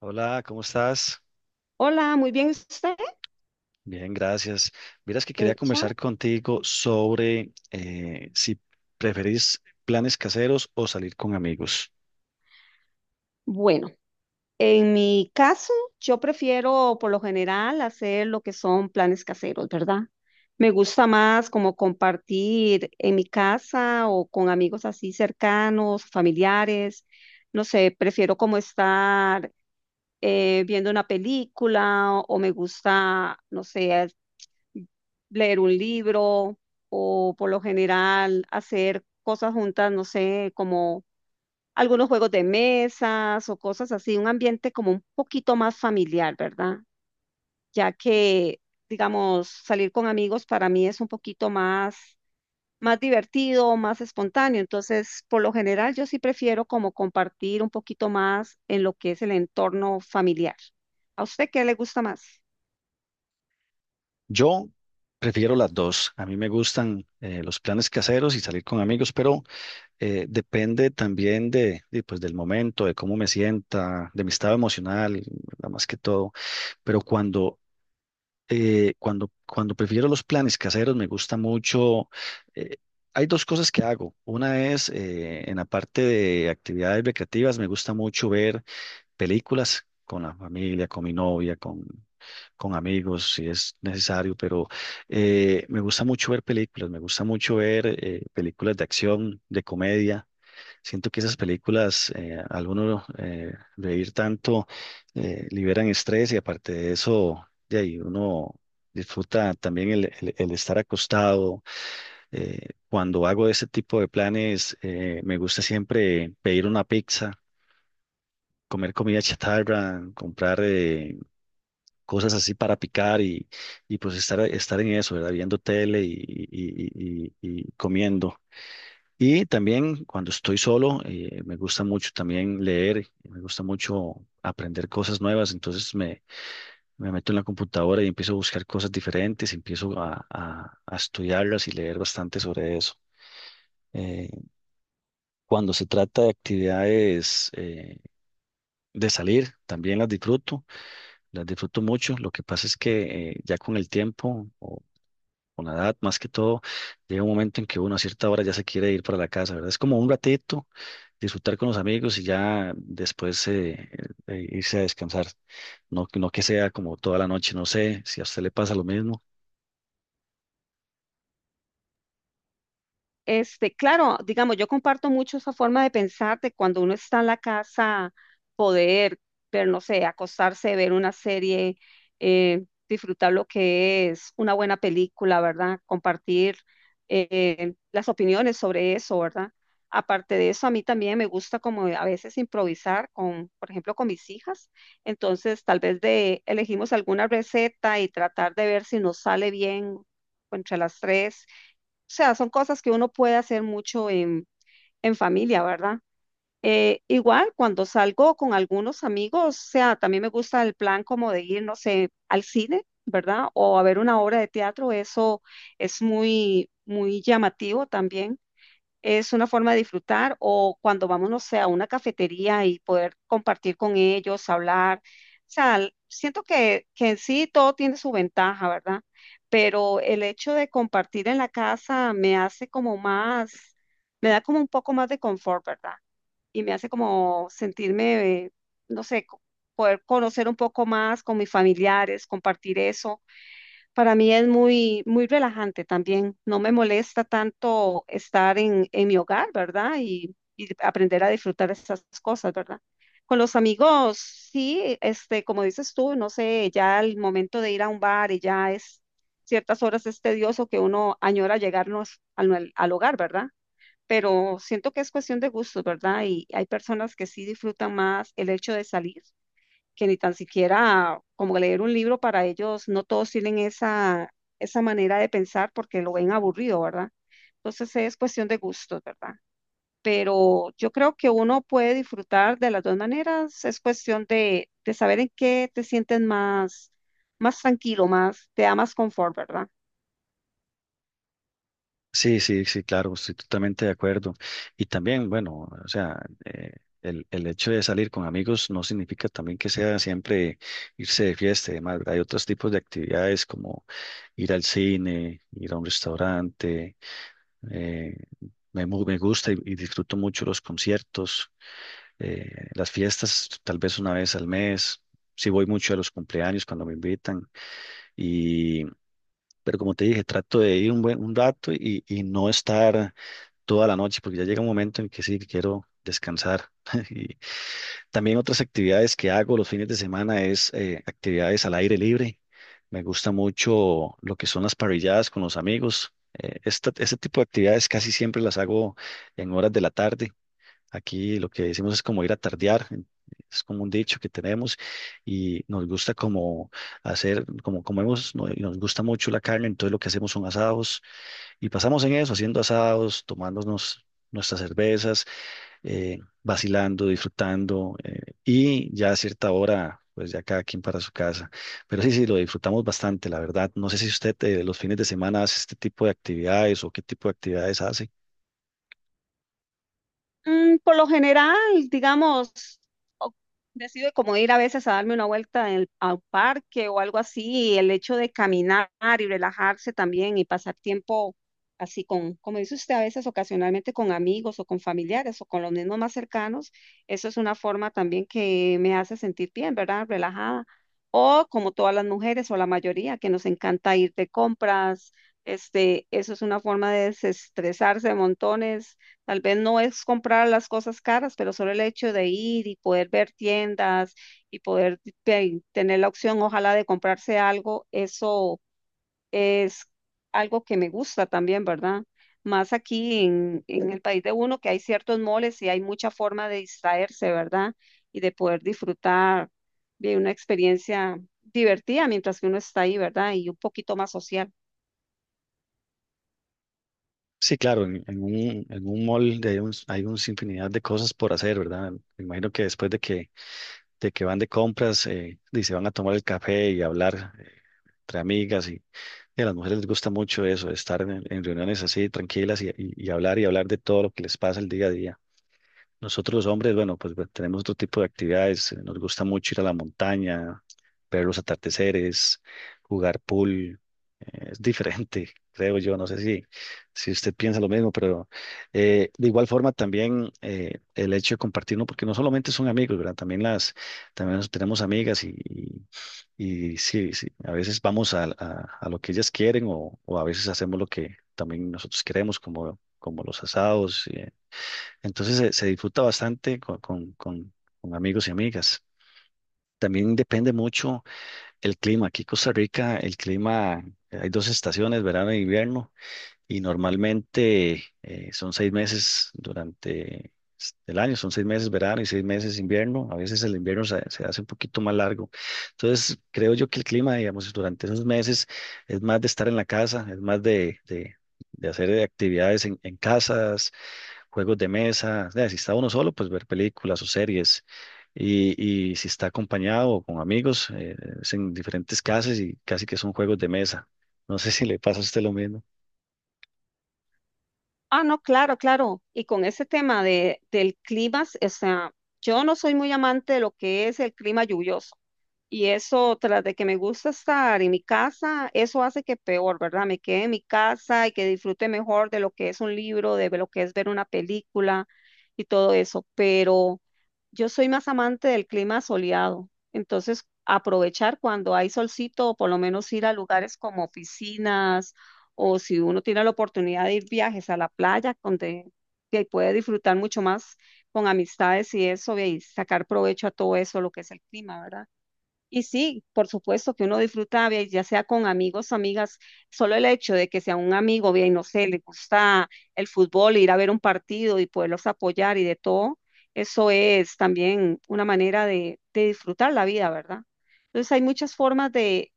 Hola, ¿cómo estás? Hola, muy bien usted. Bien, gracias. Miras que quería Hecha. conversar contigo sobre si preferís planes caseros o salir con amigos. Bueno, en mi caso, yo prefiero por lo general hacer lo que son planes caseros, ¿verdad? Me gusta más como compartir en mi casa o con amigos así cercanos, familiares. No sé, prefiero como estar viendo una película o me gusta, no sé, leer un libro o por lo general hacer cosas juntas, no sé, como algunos juegos de mesas o cosas así, un ambiente como un poquito más familiar, ¿verdad? Ya que, digamos, salir con amigos para mí es un poquito más, más divertido, más espontáneo. Entonces, por lo general, yo sí prefiero como compartir un poquito más en lo que es el entorno familiar. ¿A usted qué le gusta más? Yo prefiero las dos. A mí me gustan los planes caseros y salir con amigos, pero depende también pues, del momento, de cómo me sienta, de mi estado emocional, nada más que todo. Pero cuando prefiero los planes caseros, me gusta mucho. eh, Hay dos cosas que hago. Una es en la parte de actividades recreativas, me gusta mucho ver películas con la familia, con mi novia, con amigos, si es necesario, pero me gusta mucho ver películas, me gusta mucho ver películas de acción, de comedia. Siento que esas películas, al uno reír tanto, liberan estrés y aparte de eso, de ahí uno disfruta también el estar acostado. Eh, Cuando hago ese tipo de planes, me gusta siempre pedir una pizza, comer comida chatarra, comprar cosas así para picar y pues estar en eso, ¿verdad? Viendo tele y comiendo. Y también cuando estoy solo, me gusta mucho también leer, me gusta mucho aprender cosas nuevas, entonces me meto en la computadora y empiezo a buscar cosas diferentes, empiezo a estudiarlas y leer bastante sobre eso. Eh, Cuando se trata de actividades de salir, también las disfruto mucho. Lo que pasa es que ya con el tiempo o con la edad, más que todo, llega un momento en que uno a cierta hora ya se quiere ir para la casa, ¿verdad? Es como un ratito, disfrutar con los amigos y ya después irse a descansar. No, no que sea como toda la noche, no sé si a usted le pasa lo mismo. Este, claro, digamos, yo comparto mucho esa forma de pensar de cuando uno está en la casa, poder ver, no sé, acostarse, ver una serie, disfrutar lo que es una buena película, ¿verdad? Compartir las opiniones sobre eso, ¿verdad? Aparte de eso, a mí también me gusta como a veces improvisar con, por ejemplo, con mis hijas. Entonces, tal vez de elegimos alguna receta y tratar de ver si nos sale bien entre las tres sea, son cosas que uno puede hacer mucho en familia, ¿verdad? Igual, cuando salgo con algunos amigos, o sea, también me gusta el plan como de ir, no sé, al cine, ¿verdad? O a ver una obra de teatro, eso es muy, muy llamativo también es una forma de disfrutar o cuando vamos, no sé, a una cafetería y poder compartir con ellos, hablar. O sea, siento que en sí todo tiene su ventaja, ¿verdad? Pero el hecho de compartir en la casa me hace como más, me da como un poco más de confort, ¿verdad? Y me hace como sentirme, no sé, poder conocer un poco más con mis familiares, compartir eso para mí es muy, muy relajante también. No me molesta tanto estar en mi hogar, ¿verdad? Y aprender a disfrutar esas cosas, ¿verdad? Con los amigos, sí, este, como dices tú, no sé, ya el momento de ir a un bar y ya es ciertas horas es tedioso que uno añora llegarnos al hogar, ¿verdad? Pero siento que es cuestión de gustos, ¿verdad? Y hay personas que sí disfrutan más el hecho de salir que ni tan siquiera como leer un libro para ellos, no todos tienen esa manera de pensar porque lo ven aburrido, ¿verdad? Entonces es cuestión de gustos, ¿verdad? Pero yo creo que uno puede disfrutar de las dos maneras, es cuestión de saber en qué te sientes más, más tranquilo, más, te da más confort, ¿verdad? Sí, sí, sí, claro, estoy totalmente de acuerdo. Y también, bueno, o sea, eh, el hecho de salir con amigos no significa también que sea siempre irse de fiesta y demás, ¿verdad? Hay otros tipos de actividades como ir al cine, ir a un restaurante, eh, me gusta y disfruto mucho los conciertos, las fiestas, tal vez una vez al mes. Sí voy mucho a los cumpleaños cuando me invitan y, pero como te dije, trato de ir un buen un rato y no estar toda la noche, porque ya llega un momento en que sí, que quiero descansar. También otras actividades que hago los fines de semana es actividades al aire libre. Me gusta mucho lo que son las parrilladas con los amigos. Este tipo de actividades casi siempre las hago en horas de la tarde. Aquí lo que decimos es como ir a tardear. Es como un dicho que tenemos y nos gusta como hacer, como comemos, no- y nos gusta mucho la carne, entonces lo que hacemos son asados y pasamos en eso, haciendo asados, tomándonos nuestras cervezas, vacilando, disfrutando, y ya a cierta hora, pues ya cada quien para su casa. Pero sí, sí, lo disfrutamos bastante, la verdad. No sé si usted los fines de semana hace este tipo de actividades o qué tipo de actividades hace. Mm, por lo general, digamos, o- decido como ir a veces a darme una vuelta en el, al parque o algo así, y el hecho de caminar y relajarse también y pasar tiempo así con, como dice usted, a veces ocasionalmente con amigos o con familiares o con los mismos más cercanos, eso es una forma también que me hace sentir bien, ¿verdad? Relajada. O como todas las mujeres o la mayoría que nos encanta ir de compras, este, eso es una forma de desestresarse montones. Tal vez no es comprar las cosas caras, pero solo el hecho de ir y poder ver tiendas y poder tener la opción, ojalá, de comprarse algo, eso es algo que me gusta también, ¿verdad? Más aquí en el país de uno, que hay ciertos moles y hay mucha forma de distraerse, ¿verdad? Y de poder disfrutar de una experiencia divertida mientras que uno está ahí, ¿verdad? Y un poquito más social. Sí, claro, en un mall de- hay un infinidad de cosas por hacer, ¿verdad? Me imagino que de que van de compras y se van a tomar el café y hablar entre amigas y a las mujeres les gusta mucho eso, estar en reuniones así tranquilas y hablar de todo lo que les pasa el día a día. Nosotros los hombres, bueno, pues bueno, tenemos otro tipo de actividades. Nos gusta mucho ir a la montaña, ver los atardeceres, jugar pool. Es diferente, creo yo. No sé si usted piensa lo mismo, pero de igual forma también el hecho de compartirlo, porque no solamente son amigos, ¿verdad? También también nos- tenemos amigas y, y sí, sí, a veces vamos a lo que ellas quieren o a veces hacemos lo que también nosotros queremos, como los asados. Entonces se disfruta bastante con amigos y amigas. También depende mucho el clima. Aquí en Costa Rica, el clima, hay dos estaciones, verano e invierno, y normalmente son 6 meses durante s- el año, son 6 meses verano y 6 meses invierno. A veces el invierno se hace un poquito más largo. Entonces, creo yo que el clima, digamos, durante esos meses es más de estar en la casa, es más de hacer actividades en casa, juegos de mesa, o si está uno solo, pues ver películas o series. Y si está acompañado o con amigos, es en diferentes casas y casi que son juegos de mesa. No sé si le pasa a usted lo mismo. Ah, no, claro, claro. Y con ese tema del clima, o sea, yo no soy muy amante de lo que es el clima lluvioso. Y eso, tras de que me gusta estar en mi casa, eso hace que peor, ¿verdad? Me quede en mi casa y que disfrute mejor de lo que es un libro, de lo que es ver una película y todo eso. Pero yo soy más amante del clima soleado, entonces aprovechar cuando hay solcito o por lo menos ir a lugares como piscinas o si uno tiene la oportunidad de ir viajes a la playa donde que puede disfrutar mucho más con amistades y eso y sacar provecho a todo eso, lo que es el clima, ¿verdad? Y sí, por supuesto que uno disfruta, vea, ya sea con amigos o amigas, solo el hecho de que sea un amigo, bien, no sé, le gusta el fútbol, ir a ver un partido y poderlos apoyar y de todo, eso es también una manera de disfrutar la vida, ¿verdad? Entonces hay muchas formas de,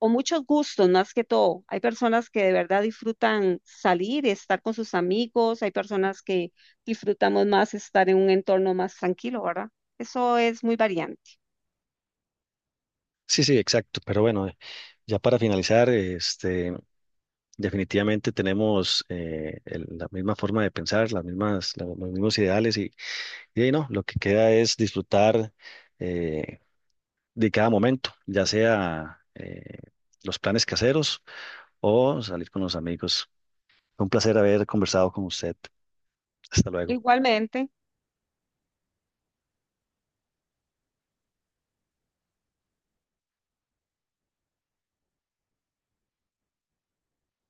o muchos gustos más que todo. Hay personas que de verdad disfrutan salir, estar con sus amigos, hay personas que disfrutamos más estar en un entorno más tranquilo, ¿verdad? Eso es muy variante. Sí, sí, exacto. Pero bueno, ya para finalizar, este, definitivamente tenemos la misma forma de pensar, los mismos ideales y ahí no, lo que queda es disfrutar eh, de cada momento, ya sea los planes caseros o salir con los amigos. Fue un placer haber conversado con usted. Hasta luego. Igualmente.